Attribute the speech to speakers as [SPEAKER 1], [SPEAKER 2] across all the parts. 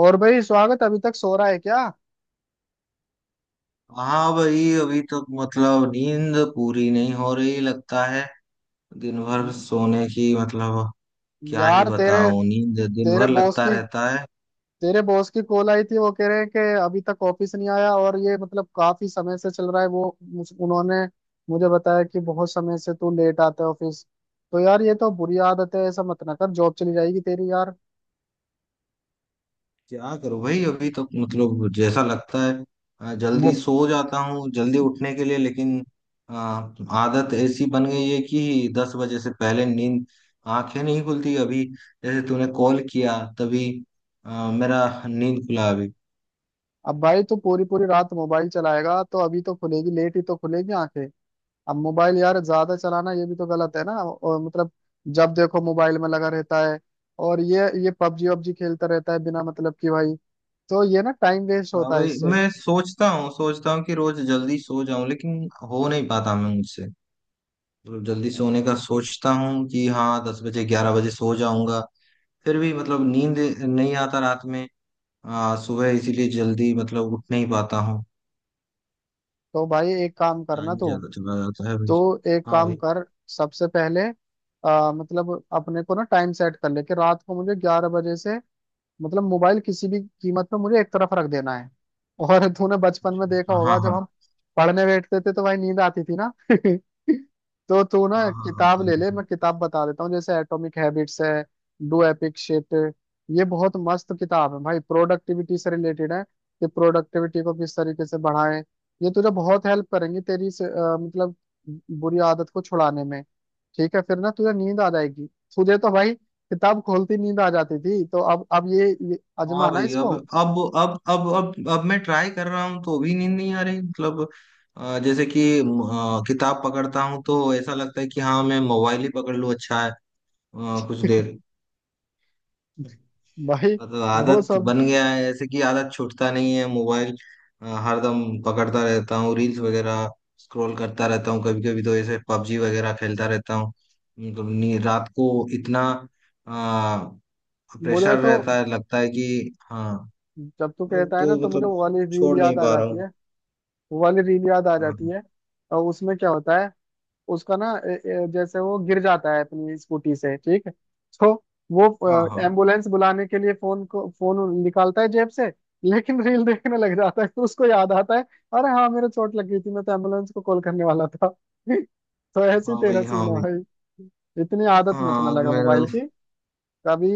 [SPEAKER 1] और भाई, स्वागत अभी तक सो रहा है क्या?
[SPEAKER 2] हाँ भाई, अभी तो मतलब नींद पूरी नहीं हो रही लगता है। दिन भर सोने की मतलब क्या ही
[SPEAKER 1] यार तेरे
[SPEAKER 2] बताऊं, नींद दिन
[SPEAKER 1] तेरे
[SPEAKER 2] भर
[SPEAKER 1] बॉस
[SPEAKER 2] लगता
[SPEAKER 1] की
[SPEAKER 2] रहता है।
[SPEAKER 1] तेरे बॉस की कॉल आई थी। वो कह रहे हैं कि अभी तक ऑफिस नहीं आया, और ये मतलब काफी समय से चल रहा है। वो उन्होंने मुझे बताया कि बहुत समय से तू लेट आता है ऑफिस। तो यार ये तो बुरी आदत है, ऐसा मत ना कर, जॉब चली जाएगी तेरी यार।
[SPEAKER 2] क्या करूं भाई, अभी तो मतलब जैसा लगता है, जल्दी
[SPEAKER 1] मो-
[SPEAKER 2] सो जाता हूँ जल्दी उठने के लिए, लेकिन आ, आदत ऐसी बन गई है कि 10 बजे से पहले नींद, आंखें नहीं खुलती अभी। जैसे तूने कॉल किया तभी मेरा नींद खुला अभी।
[SPEAKER 1] अब भाई तू पूरी पूरी रात मोबाइल चलाएगा तो अभी तो खुलेगी, लेट ही तो खुलेगी आंखें। अब मोबाइल यार ज्यादा चलाना ये भी तो गलत है ना, और मतलब जब देखो मोबाइल में लगा रहता है। और ये पबजी वबजी खेलता रहता है बिना मतलब कि, भाई। तो ये ना टाइम वेस्ट
[SPEAKER 2] हाँ
[SPEAKER 1] होता है
[SPEAKER 2] भाई,
[SPEAKER 1] इससे।
[SPEAKER 2] मैं सोचता हूँ कि रोज जल्दी सो जाऊं, लेकिन हो नहीं पाता मैं, मुझसे मतलब जल्दी सोने का सोचता हूँ कि हाँ 10 बजे 11 बजे सो जाऊंगा, फिर भी मतलब नींद नहीं आता रात में। सुबह इसीलिए जल्दी मतलब उठ नहीं पाता हूँ।
[SPEAKER 1] तो भाई एक काम करना
[SPEAKER 2] टाइम
[SPEAKER 1] तू,
[SPEAKER 2] ज्यादा चला जाता है भाई।
[SPEAKER 1] तो एक
[SPEAKER 2] हाँ
[SPEAKER 1] काम
[SPEAKER 2] भाई।
[SPEAKER 1] कर। सबसे पहले मतलब अपने को ना टाइम सेट कर ले कि रात को मुझे 11 बजे से मतलब मोबाइल किसी भी कीमत पे मुझे एक तरफ रख देना है। और तूने बचपन में देखा
[SPEAKER 2] हाँ, हाँ,
[SPEAKER 1] होगा, जब
[SPEAKER 2] हाँ,
[SPEAKER 1] हम पढ़ने बैठते थे तो भाई नींद आती थी ना। तो तू ना
[SPEAKER 2] हाँ, हाँ, हाँ,
[SPEAKER 1] किताब ले ले, मैं किताब बता देता हूँ। जैसे एटॉमिक हैबिट्स है, डू एपिक शिट। ये बहुत मस्त किताब है भाई, प्रोडक्टिविटी से रिलेटेड है कि प्रोडक्टिविटी को किस तरीके से बढ़ाएं। ये तुझे बहुत हेल्प करेंगी तेरी इस मतलब बुरी आदत को छुड़ाने में। ठीक है, फिर ना तुझे नींद आ जाएगी। तुझे तो भाई किताब खोलती नींद आ जाती थी, तो अब ये
[SPEAKER 2] हाँ
[SPEAKER 1] आजमाना
[SPEAKER 2] भाई, अब
[SPEAKER 1] इसको।
[SPEAKER 2] अब अब अब अब अब मैं ट्राई कर रहा हूँ तो भी नींद नहीं आ रही मतलब। जैसे कि किताब पकड़ता हूँ तो ऐसा लगता है कि हाँ मैं मोबाइल ही पकड़ लूँ अच्छा है, कुछ देर।
[SPEAKER 1] भाई
[SPEAKER 2] मतलब
[SPEAKER 1] वो
[SPEAKER 2] आदत
[SPEAKER 1] सब।
[SPEAKER 2] बन गया है ऐसे कि आदत छूटता नहीं है मोबाइल। हरदम पकड़ता रहता हूँ रील्स वगैरह, स्क्रॉल करता रहता हूँ, कभी कभी तो ऐसे पबजी वगैरह खेलता रहता हूँ। मतलब रात को इतना प्रेशर
[SPEAKER 1] मुझे तो,
[SPEAKER 2] रहता है, लगता है कि हाँ,
[SPEAKER 1] जब तू
[SPEAKER 2] अब
[SPEAKER 1] कहता है ना
[SPEAKER 2] तो
[SPEAKER 1] तो मुझे
[SPEAKER 2] मतलब
[SPEAKER 1] वो वाली रील
[SPEAKER 2] छोड़
[SPEAKER 1] याद
[SPEAKER 2] नहीं
[SPEAKER 1] आ
[SPEAKER 2] पा रहा
[SPEAKER 1] जाती
[SPEAKER 2] हूँ।
[SPEAKER 1] है। वो वाली रील याद आ
[SPEAKER 2] हाँ,
[SPEAKER 1] जाती है। और उसमें क्या होता है? उसका ना जैसे वो गिर जाता है अपनी स्कूटी से, ठीक है। तो वो
[SPEAKER 2] हाँ, हाँ,
[SPEAKER 1] एम्बुलेंस बुलाने के लिए फोन निकालता है जेब से, लेकिन रील देखने लग जाता है। तो उसको याद आता है, अरे हाँ, मेरे चोट लग गई थी, मैं तो एम्बुलेंस को कॉल करने वाला था। तो ऐसे ही
[SPEAKER 2] हाँ
[SPEAKER 1] तेरा
[SPEAKER 2] भाई,
[SPEAKER 1] सीन
[SPEAKER 2] हाँ
[SPEAKER 1] है
[SPEAKER 2] भाई,
[SPEAKER 1] भाई। इतनी आदत मत ना
[SPEAKER 2] हाँ,
[SPEAKER 1] लगा
[SPEAKER 2] मेरा
[SPEAKER 1] मोबाइल की, कभी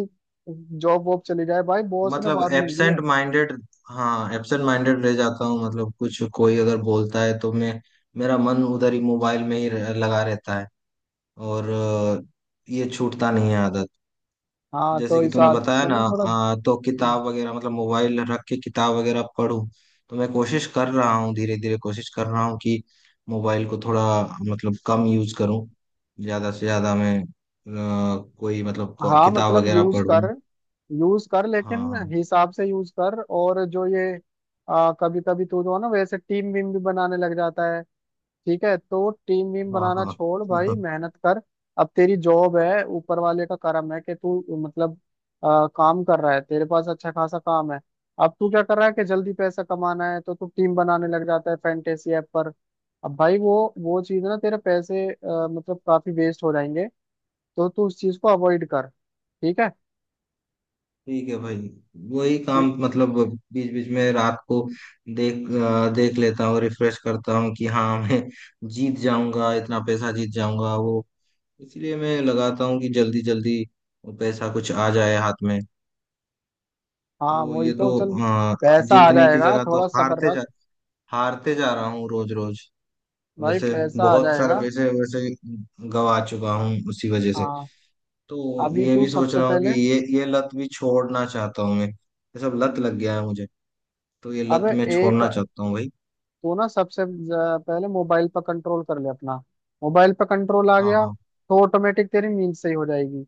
[SPEAKER 1] जॉब वॉब चली जाए भाई, बॉस ने
[SPEAKER 2] मतलब
[SPEAKER 1] वार्निंग दी
[SPEAKER 2] एब्सेंट
[SPEAKER 1] है।
[SPEAKER 2] माइंडेड, हाँ, एब्सेंट माइंडेड रह जाता हूँ। मतलब कुछ कोई अगर बोलता है तो मैं, मेरा मन उधर ही मोबाइल में ही लगा रहता है। और ये छूटता नहीं है आदत।
[SPEAKER 1] हाँ
[SPEAKER 2] जैसे
[SPEAKER 1] तो
[SPEAKER 2] कि
[SPEAKER 1] इस
[SPEAKER 2] तूने
[SPEAKER 1] आदत
[SPEAKER 2] बताया
[SPEAKER 1] को
[SPEAKER 2] ना,
[SPEAKER 1] ना थोड़ा।
[SPEAKER 2] तो किताब वगैरह मतलब मोबाइल रख के किताब वगैरह पढूं, तो मैं कोशिश कर रहा हूँ, धीरे धीरे कोशिश कर रहा हूँ कि मोबाइल को थोड़ा मतलब कम यूज करूँ, ज्यादा से ज्यादा मैं कोई मतलब
[SPEAKER 1] हाँ
[SPEAKER 2] किताब
[SPEAKER 1] मतलब
[SPEAKER 2] वगैरह
[SPEAKER 1] यूज कर,
[SPEAKER 2] पढूं।
[SPEAKER 1] यूज कर लेकिन
[SPEAKER 2] हाँ,
[SPEAKER 1] हिसाब से यूज कर। और जो ये कभी कभी तू जो है ना, वैसे टीम वीम भी बनाने लग जाता है, ठीक है। तो टीम वीम
[SPEAKER 2] हाँ,
[SPEAKER 1] बनाना
[SPEAKER 2] हाँ, हाँ,
[SPEAKER 1] छोड़
[SPEAKER 2] हाँ,
[SPEAKER 1] भाई,
[SPEAKER 2] हाँ।
[SPEAKER 1] मेहनत कर। अब तेरी जॉब है, ऊपर वाले का करम है कि तू मतलब काम कर रहा है, तेरे पास अच्छा खासा काम है। अब तू क्या कर रहा है कि जल्दी पैसा कमाना है तो तू टीम बनाने लग जाता है फैंटेसी ऐप पर। अब भाई वो चीज ना तेरे पैसे मतलब काफी वेस्ट हो जाएंगे। तो तू उस चीज को अवॉइड कर, ठीक है।
[SPEAKER 2] ठीक है भाई। वही काम
[SPEAKER 1] ठीक,
[SPEAKER 2] मतलब बीच बीच में रात को देख देख लेता हूँ, रिफ्रेश करता हूँ कि हाँ मैं जीत जाऊंगा, इतना पैसा जीत जाऊंगा वो, इसीलिए मैं लगाता हूँ कि जल्दी जल्दी पैसा कुछ आ जाए हाथ में।
[SPEAKER 1] हाँ
[SPEAKER 2] तो
[SPEAKER 1] वही
[SPEAKER 2] ये तो,
[SPEAKER 1] तो। चल
[SPEAKER 2] अ,
[SPEAKER 1] पैसा आ
[SPEAKER 2] जीतने की
[SPEAKER 1] जाएगा,
[SPEAKER 2] जगह तो
[SPEAKER 1] थोड़ा सब्र
[SPEAKER 2] हारते जा,
[SPEAKER 1] रख।
[SPEAKER 2] हारते जा रहा हूँ रोज रोज।
[SPEAKER 1] भाई
[SPEAKER 2] वैसे
[SPEAKER 1] पैसा आ
[SPEAKER 2] बहुत सारे
[SPEAKER 1] जाएगा।
[SPEAKER 2] पैसे वैसे गवा चुका हूँ उसी वजह से।
[SPEAKER 1] हाँ
[SPEAKER 2] तो
[SPEAKER 1] अभी
[SPEAKER 2] ये
[SPEAKER 1] तू
[SPEAKER 2] भी सोच
[SPEAKER 1] सबसे
[SPEAKER 2] रहा हूँ कि
[SPEAKER 1] पहले।
[SPEAKER 2] ये लत भी छोड़ना चाहता हूँ मैं, ये सब लत लग गया है मुझे। तो ये लत
[SPEAKER 1] अबे
[SPEAKER 2] मैं छोड़ना
[SPEAKER 1] एक।
[SPEAKER 2] चाहता हूँ भाई।
[SPEAKER 1] तू ना सबसे पहले मोबाइल पर कंट्रोल कर ले अपना। मोबाइल पर कंट्रोल आ
[SPEAKER 2] हाँ,
[SPEAKER 1] गया
[SPEAKER 2] हाँ,
[SPEAKER 1] तो ऑटोमेटिक तेरी नींद सही हो जाएगी।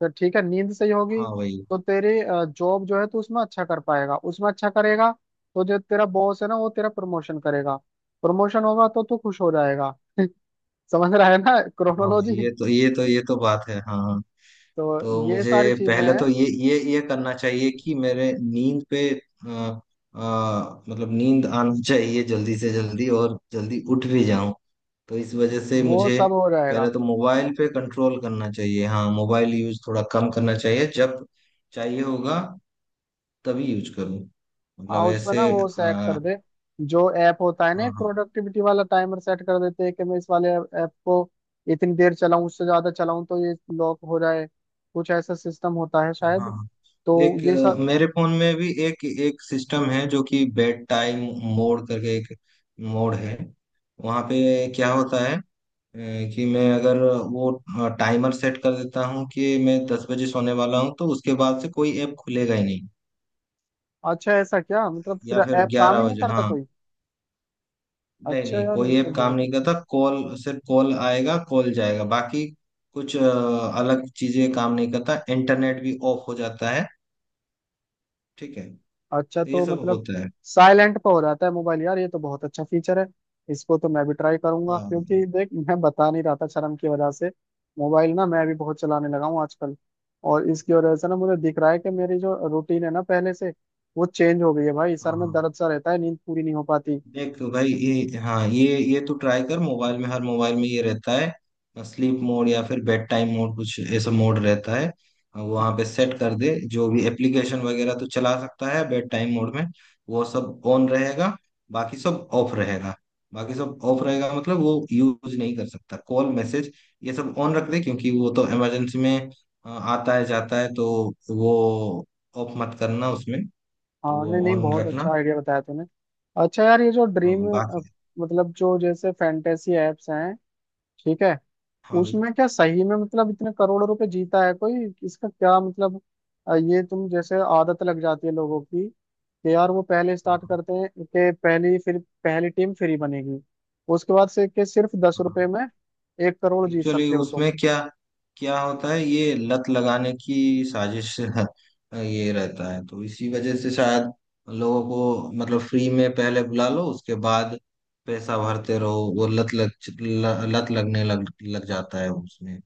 [SPEAKER 1] तो ठीक है, नींद सही होगी
[SPEAKER 2] हाँ भाई,
[SPEAKER 1] तो तेरी जॉब जो है तू उसमें अच्छा कर पाएगा, उसमें अच्छा करेगा। तो जो तेरा बॉस है ना, वो तेरा प्रमोशन करेगा। प्रमोशन होगा तो तू खुश हो जाएगा। समझ रहा है ना
[SPEAKER 2] हाँ भाई,
[SPEAKER 1] क्रोनोलॉजी?
[SPEAKER 2] ये तो बात है, हाँ, हाँ।
[SPEAKER 1] तो
[SPEAKER 2] तो
[SPEAKER 1] ये
[SPEAKER 2] मुझे
[SPEAKER 1] सारी चीजें
[SPEAKER 2] पहले तो
[SPEAKER 1] हैं,
[SPEAKER 2] ये करना चाहिए कि मेरे नींद पे, मतलब नींद आनी चाहिए जल्दी से जल्दी और जल्दी उठ भी जाऊं, तो इस वजह से
[SPEAKER 1] वो
[SPEAKER 2] मुझे
[SPEAKER 1] सब हो
[SPEAKER 2] पहले
[SPEAKER 1] जाएगा।
[SPEAKER 2] तो मोबाइल पे कंट्रोल करना चाहिए। हाँ मोबाइल यूज थोड़ा कम करना चाहिए, जब चाहिए होगा तभी यूज करूं,
[SPEAKER 1] हाँ
[SPEAKER 2] मतलब
[SPEAKER 1] उसमें
[SPEAKER 2] ऐसे।
[SPEAKER 1] ना वो सेट कर
[SPEAKER 2] हाँ,
[SPEAKER 1] दे। जो ऐप होता है ना
[SPEAKER 2] हाँ,
[SPEAKER 1] प्रोडक्टिविटी वाला, टाइमर सेट कर देते हैं कि मैं इस वाले ऐप को इतनी देर चलाऊं, उससे ज्यादा चलाऊं तो ये लॉक हो जाए। कुछ ऐसा सिस्टम होता है शायद।
[SPEAKER 2] हाँ।
[SPEAKER 1] तो
[SPEAKER 2] एक,
[SPEAKER 1] ये सब।
[SPEAKER 2] मेरे फोन में भी एक एक सिस्टम है जो कि बेड टाइम मोड करके एक मोड है। वहाँ पे क्या होता है, कि मैं अगर वो टाइमर सेट कर देता हूँ कि मैं 10 बजे सोने वाला हूँ, तो उसके बाद से कोई ऐप खुलेगा ही नहीं,
[SPEAKER 1] अच्छा, ऐसा? क्या मतलब फिर
[SPEAKER 2] या फिर
[SPEAKER 1] ऐप काम
[SPEAKER 2] ग्यारह
[SPEAKER 1] ही नहीं
[SPEAKER 2] बजे
[SPEAKER 1] करता
[SPEAKER 2] हाँ।
[SPEAKER 1] कोई?
[SPEAKER 2] नहीं,
[SPEAKER 1] अच्छा
[SPEAKER 2] नहीं,
[SPEAKER 1] यार ये
[SPEAKER 2] कोई
[SPEAKER 1] तो
[SPEAKER 2] ऐप काम
[SPEAKER 1] बहुत
[SPEAKER 2] नहीं
[SPEAKER 1] अच्छा।
[SPEAKER 2] करता। कॉल, सिर्फ कॉल आएगा, कॉल जाएगा, बाकी कुछ, अलग चीजें काम नहीं करता, इंटरनेट भी ऑफ हो जाता है। ठीक है,
[SPEAKER 1] अच्छा
[SPEAKER 2] तो ये
[SPEAKER 1] तो
[SPEAKER 2] सब
[SPEAKER 1] मतलब
[SPEAKER 2] होता है।
[SPEAKER 1] साइलेंट पे हो जाता है मोबाइल? यार ये तो बहुत अच्छा फीचर है। इसको तो मैं भी ट्राई करूंगा,
[SPEAKER 2] हाँ,
[SPEAKER 1] क्योंकि देख, मैं बता नहीं रहा था शर्म की वजह से, मोबाइल ना मैं भी बहुत चलाने लगा हूँ आजकल। और इसकी वजह से ना मुझे दिख रहा है कि मेरी जो रूटीन है ना पहले से, वो चेंज हो गई है भाई। सर
[SPEAKER 2] हाँ,
[SPEAKER 1] में
[SPEAKER 2] हाँ।
[SPEAKER 1] दर्द सा रहता है, नींद पूरी नहीं हो पाती।
[SPEAKER 2] देख तो भाई ये, हाँ, ये तो ट्राई कर, मोबाइल में, हर मोबाइल में ये रहता है स्लीप मोड या फिर बेड टाइम मोड, कुछ ऐसा मोड रहता है। वहां पे सेट
[SPEAKER 1] अच्छा।
[SPEAKER 2] कर दे जो भी एप्लीकेशन वगैरह तो चला सकता है बेड टाइम मोड में, वो सब ऑन रहेगा, बाकी सब ऑफ रहेगा। बाकी सब ऑफ रहेगा मतलब वो यूज नहीं कर सकता। कॉल, मैसेज, ये सब ऑन रख दे, क्योंकि वो तो इमरजेंसी में आता है जाता है, तो वो ऑफ मत करना उसमें, तो
[SPEAKER 1] हाँ
[SPEAKER 2] वो
[SPEAKER 1] नहीं नहीं,
[SPEAKER 2] ऑन
[SPEAKER 1] बहुत
[SPEAKER 2] रखना।
[SPEAKER 1] अच्छा आइडिया बताया तूने। अच्छा यार ये जो
[SPEAKER 2] अ,
[SPEAKER 1] ड्रीम
[SPEAKER 2] बाकी,
[SPEAKER 1] मतलब जो जैसे फैंटेसी एप्स हैं, ठीक है,
[SPEAKER 2] हाँ भाई।
[SPEAKER 1] उसमें क्या सही में मतलब इतने करोड़ों रुपए जीता है कोई? इसका क्या मतलब? ये तुम जैसे आदत लग जाती है लोगों की कि यार वो पहले स्टार्ट करते हैं कि पहली, फिर पहली टीम फ्री बनेगी, उसके बाद से कि सिर्फ 10 रुपए में 1 करोड़ जीत
[SPEAKER 2] एक्चुअली
[SPEAKER 1] सकते हो तुम।
[SPEAKER 2] उसमें क्या क्या होता है, ये लत लगाने की साजिश ये रहता है। तो इसी वजह से शायद लोगों को मतलब फ्री में पहले बुला लो, उसके बाद पैसा भरते रहो। वो लत लग, लत लगने लग लग जाता है उसमें।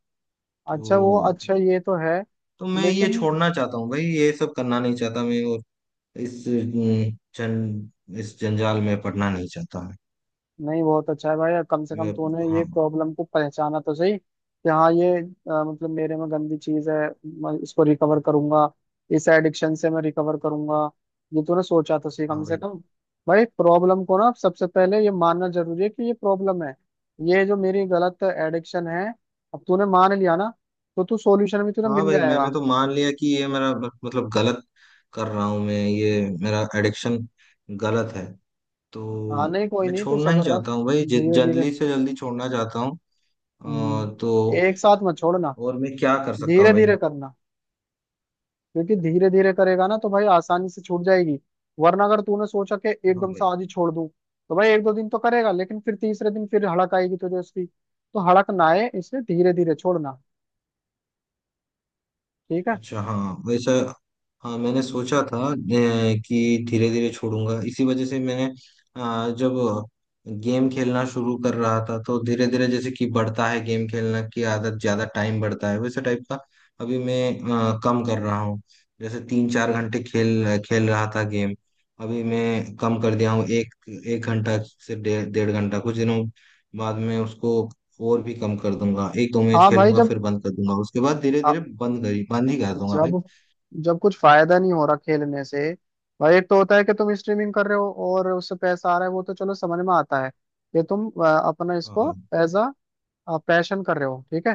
[SPEAKER 1] अच्छा वो,
[SPEAKER 2] तो
[SPEAKER 1] अच्छा ये तो है,
[SPEAKER 2] तो मैं ये
[SPEAKER 1] लेकिन
[SPEAKER 2] छोड़ना चाहता हूँ भाई, ये सब करना नहीं चाहता मैं, और इस अम, जन इस जंजाल में पड़ना नहीं चाहता मैं।
[SPEAKER 1] नहीं, बहुत अच्छा है भाई, अब कम से कम
[SPEAKER 2] मैं-
[SPEAKER 1] तूने ये
[SPEAKER 2] हाँ,
[SPEAKER 1] प्रॉब्लम को पहचाना तो सही कि हाँ ये मतलब मेरे में गंदी चीज है, मैं इसको रिकवर करूंगा, इस एडिक्शन से मैं रिकवर करूंगा। ये तूने सोचा तो सही कम
[SPEAKER 2] हाँ
[SPEAKER 1] से
[SPEAKER 2] भाई,
[SPEAKER 1] कम। भाई प्रॉब्लम को ना सबसे पहले ये मानना जरूरी है कि ये प्रॉब्लम है, ये जो मेरी गलत एडिक्शन है। अब तूने मान लिया ना, तो तू सॉल्यूशन भी तुझे
[SPEAKER 2] हाँ
[SPEAKER 1] मिल
[SPEAKER 2] भाई,
[SPEAKER 1] जाएगा।
[SPEAKER 2] मैंने तो मान लिया कि ये मेरा मतलब गलत कर रहा हूँ मैं, ये मेरा एडिक्शन गलत है, तो
[SPEAKER 1] हाँ नहीं कोई
[SPEAKER 2] मैं
[SPEAKER 1] नहीं, तू
[SPEAKER 2] छोड़ना ही
[SPEAKER 1] सब्र रख।
[SPEAKER 2] चाहता हूँ भाई,
[SPEAKER 1] धीरे धीरे।
[SPEAKER 2] जल्दी से जल्दी छोड़ना चाहता हूँ।
[SPEAKER 1] हम्म।
[SPEAKER 2] तो
[SPEAKER 1] एक साथ मत छोड़ना,
[SPEAKER 2] और मैं क्या कर सकता हूँ
[SPEAKER 1] धीरे
[SPEAKER 2] भाई?
[SPEAKER 1] धीरे करना। क्योंकि धीरे धीरे करेगा ना तो भाई आसानी से छूट जाएगी। वरना अगर तूने सोचा कि
[SPEAKER 2] हाँ
[SPEAKER 1] एकदम से
[SPEAKER 2] भाई,
[SPEAKER 1] आज ही छोड़ दूं, तो भाई एक दो दिन तो करेगा लेकिन फिर तीसरे दिन फिर हड़क आएगी तुझे उसकी। तो हड़क ना आए इसलिए धीरे धीरे छोड़ना, ठीक है।
[SPEAKER 2] अच्छा, हाँ, वैसा, हाँ, मैंने सोचा था, कि धीरे धीरे छोड़ूंगा। इसी वजह से मैंने, जब गेम खेलना शुरू कर रहा था, तो धीरे धीरे जैसे कि बढ़ता है गेम खेलना की आदत, ज्यादा टाइम बढ़ता है, वैसे टाइप का अभी मैं कम कर रहा हूँ। जैसे 3-4 घंटे खेल खेल रहा था गेम, अभी मैं कम कर दिया हूँ, एक 1 घंटा से डेढ़ डेढ़ घंटा, कुछ दिनों बाद में उसको और भी कम कर दूंगा, एक दो मैच
[SPEAKER 1] हाँ भाई,
[SPEAKER 2] खेलूंगा
[SPEAKER 1] जब
[SPEAKER 2] फिर बंद कर दूंगा, उसके बाद धीरे
[SPEAKER 1] आ-
[SPEAKER 2] धीरे बंद करी, बंद ही कर दूंगा भाई।
[SPEAKER 1] जब जब कुछ फायदा नहीं हो रहा खेलने से। भाई एक तो होता है कि तुम स्ट्रीमिंग कर रहे हो और उससे पैसा आ रहा है, वो तो चलो समझ में आता है कि तुम अपना
[SPEAKER 2] हाँ,
[SPEAKER 1] इसको
[SPEAKER 2] हाँ।
[SPEAKER 1] एज अ पैशन कर रहे हो, ठीक है।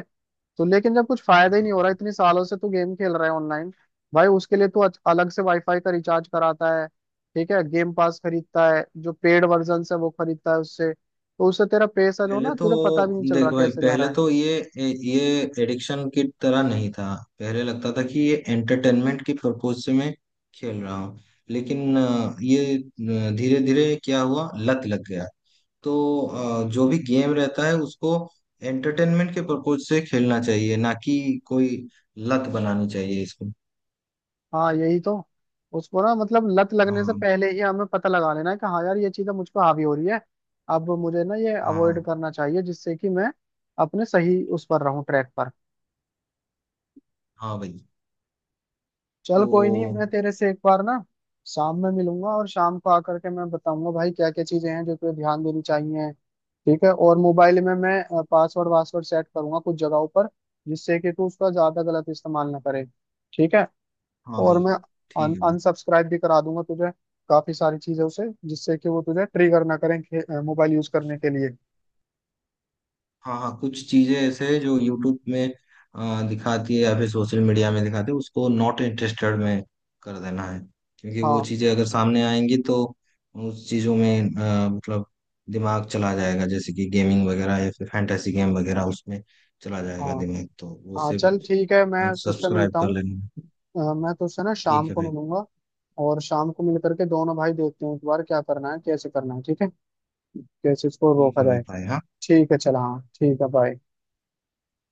[SPEAKER 1] तो लेकिन जब कुछ फायदा ही नहीं हो रहा, इतने सालों से तू गेम खेल रहा है ऑनलाइन। भाई उसके लिए तू अलग से वाईफाई का रिचार्ज कराता है, ठीक है। गेम पास खरीदता है, जो पेड वर्जन है वो खरीदता है, उससे तेरा पैसा जो
[SPEAKER 2] पहले
[SPEAKER 1] ना
[SPEAKER 2] तो
[SPEAKER 1] तुझे पता भी नहीं चल रहा
[SPEAKER 2] देखो भाई,
[SPEAKER 1] कैसे जा
[SPEAKER 2] पहले
[SPEAKER 1] रहा है।
[SPEAKER 2] तो ये ये एडिक्शन की तरह नहीं था। पहले लगता था कि ये एंटरटेनमेंट की पर्पज से मैं खेल रहा हूँ, लेकिन ये धीरे धीरे क्या हुआ, लत लग गया। तो जो भी गेम रहता है उसको एंटरटेनमेंट के पर्पज से खेलना चाहिए, ना कि कोई लत बनानी चाहिए इसको।
[SPEAKER 1] हाँ यही तो। उसको ना मतलब लत लगने से
[SPEAKER 2] हाँ,
[SPEAKER 1] पहले ही हमें पता लगा लेना है कि हाँ यार ये चीजें मुझ पर हावी हो रही है अब मुझे ना ये
[SPEAKER 2] हाँ, हाँ,
[SPEAKER 1] अवॉइड करना चाहिए जिससे कि मैं अपने सही उस पर रहूं, ट्रैक पर।
[SPEAKER 2] हाँ भाई। तो
[SPEAKER 1] चल कोई नहीं, मैं तेरे से एक बार ना शाम में मिलूंगा, और शाम को आकर के मैं बताऊंगा भाई क्या क्या चीजें हैं जो तुझे ध्यान देनी चाहिए, ठीक है। और मोबाइल में मैं पासवर्ड वासवर्ड सेट करूंगा कुछ जगहों पर, जिससे कि तू उसका ज्यादा गलत इस्तेमाल ना करे, ठीक है।
[SPEAKER 2] हाँ
[SPEAKER 1] और
[SPEAKER 2] भाई,
[SPEAKER 1] मैं
[SPEAKER 2] ठीक है,
[SPEAKER 1] अनसब्सक्राइब भी करा दूंगा तुझे काफी सारी चीजों से, जिससे कि वो तुझे ट्रिगर ना करें मोबाइल यूज करने के लिए।
[SPEAKER 2] हाँ, हाँ, कुछ चीजें ऐसे हैं जो यूट्यूब में दिखाती है, या फिर सोशल मीडिया में दिखाती है, उसको नॉट इंटरेस्टेड में कर देना है। क्योंकि वो
[SPEAKER 1] हाँ
[SPEAKER 2] चीजें अगर सामने आएंगी, तो उस चीजों में, मतलब दिमाग चला जाएगा, जैसे कि गेमिंग वगैरह या फिर फैंटेसी गेम वगैरह, उसमें चला जाएगा
[SPEAKER 1] हाँ
[SPEAKER 2] दिमाग, तो वो
[SPEAKER 1] हाँ,
[SPEAKER 2] सिर्फ
[SPEAKER 1] चल ठीक है, मैं तुझसे
[SPEAKER 2] सब्सक्राइब
[SPEAKER 1] मिलता
[SPEAKER 2] कर
[SPEAKER 1] हूँ।
[SPEAKER 2] लेना।
[SPEAKER 1] मैं तुझसे ना शाम
[SPEAKER 2] ठीक है
[SPEAKER 1] को
[SPEAKER 2] भाई।
[SPEAKER 1] मिलूंगा, और शाम को मिल करके दोनों भाई देखते हैं एक बार क्या करना है, कैसे करना है, ठीक है, कैसे इसको
[SPEAKER 2] ठीक
[SPEAKER 1] रोका
[SPEAKER 2] है भाई,
[SPEAKER 1] जाए।
[SPEAKER 2] भाई, हाँ।
[SPEAKER 1] ठीक है, चल, हाँ ठीक है, बाय।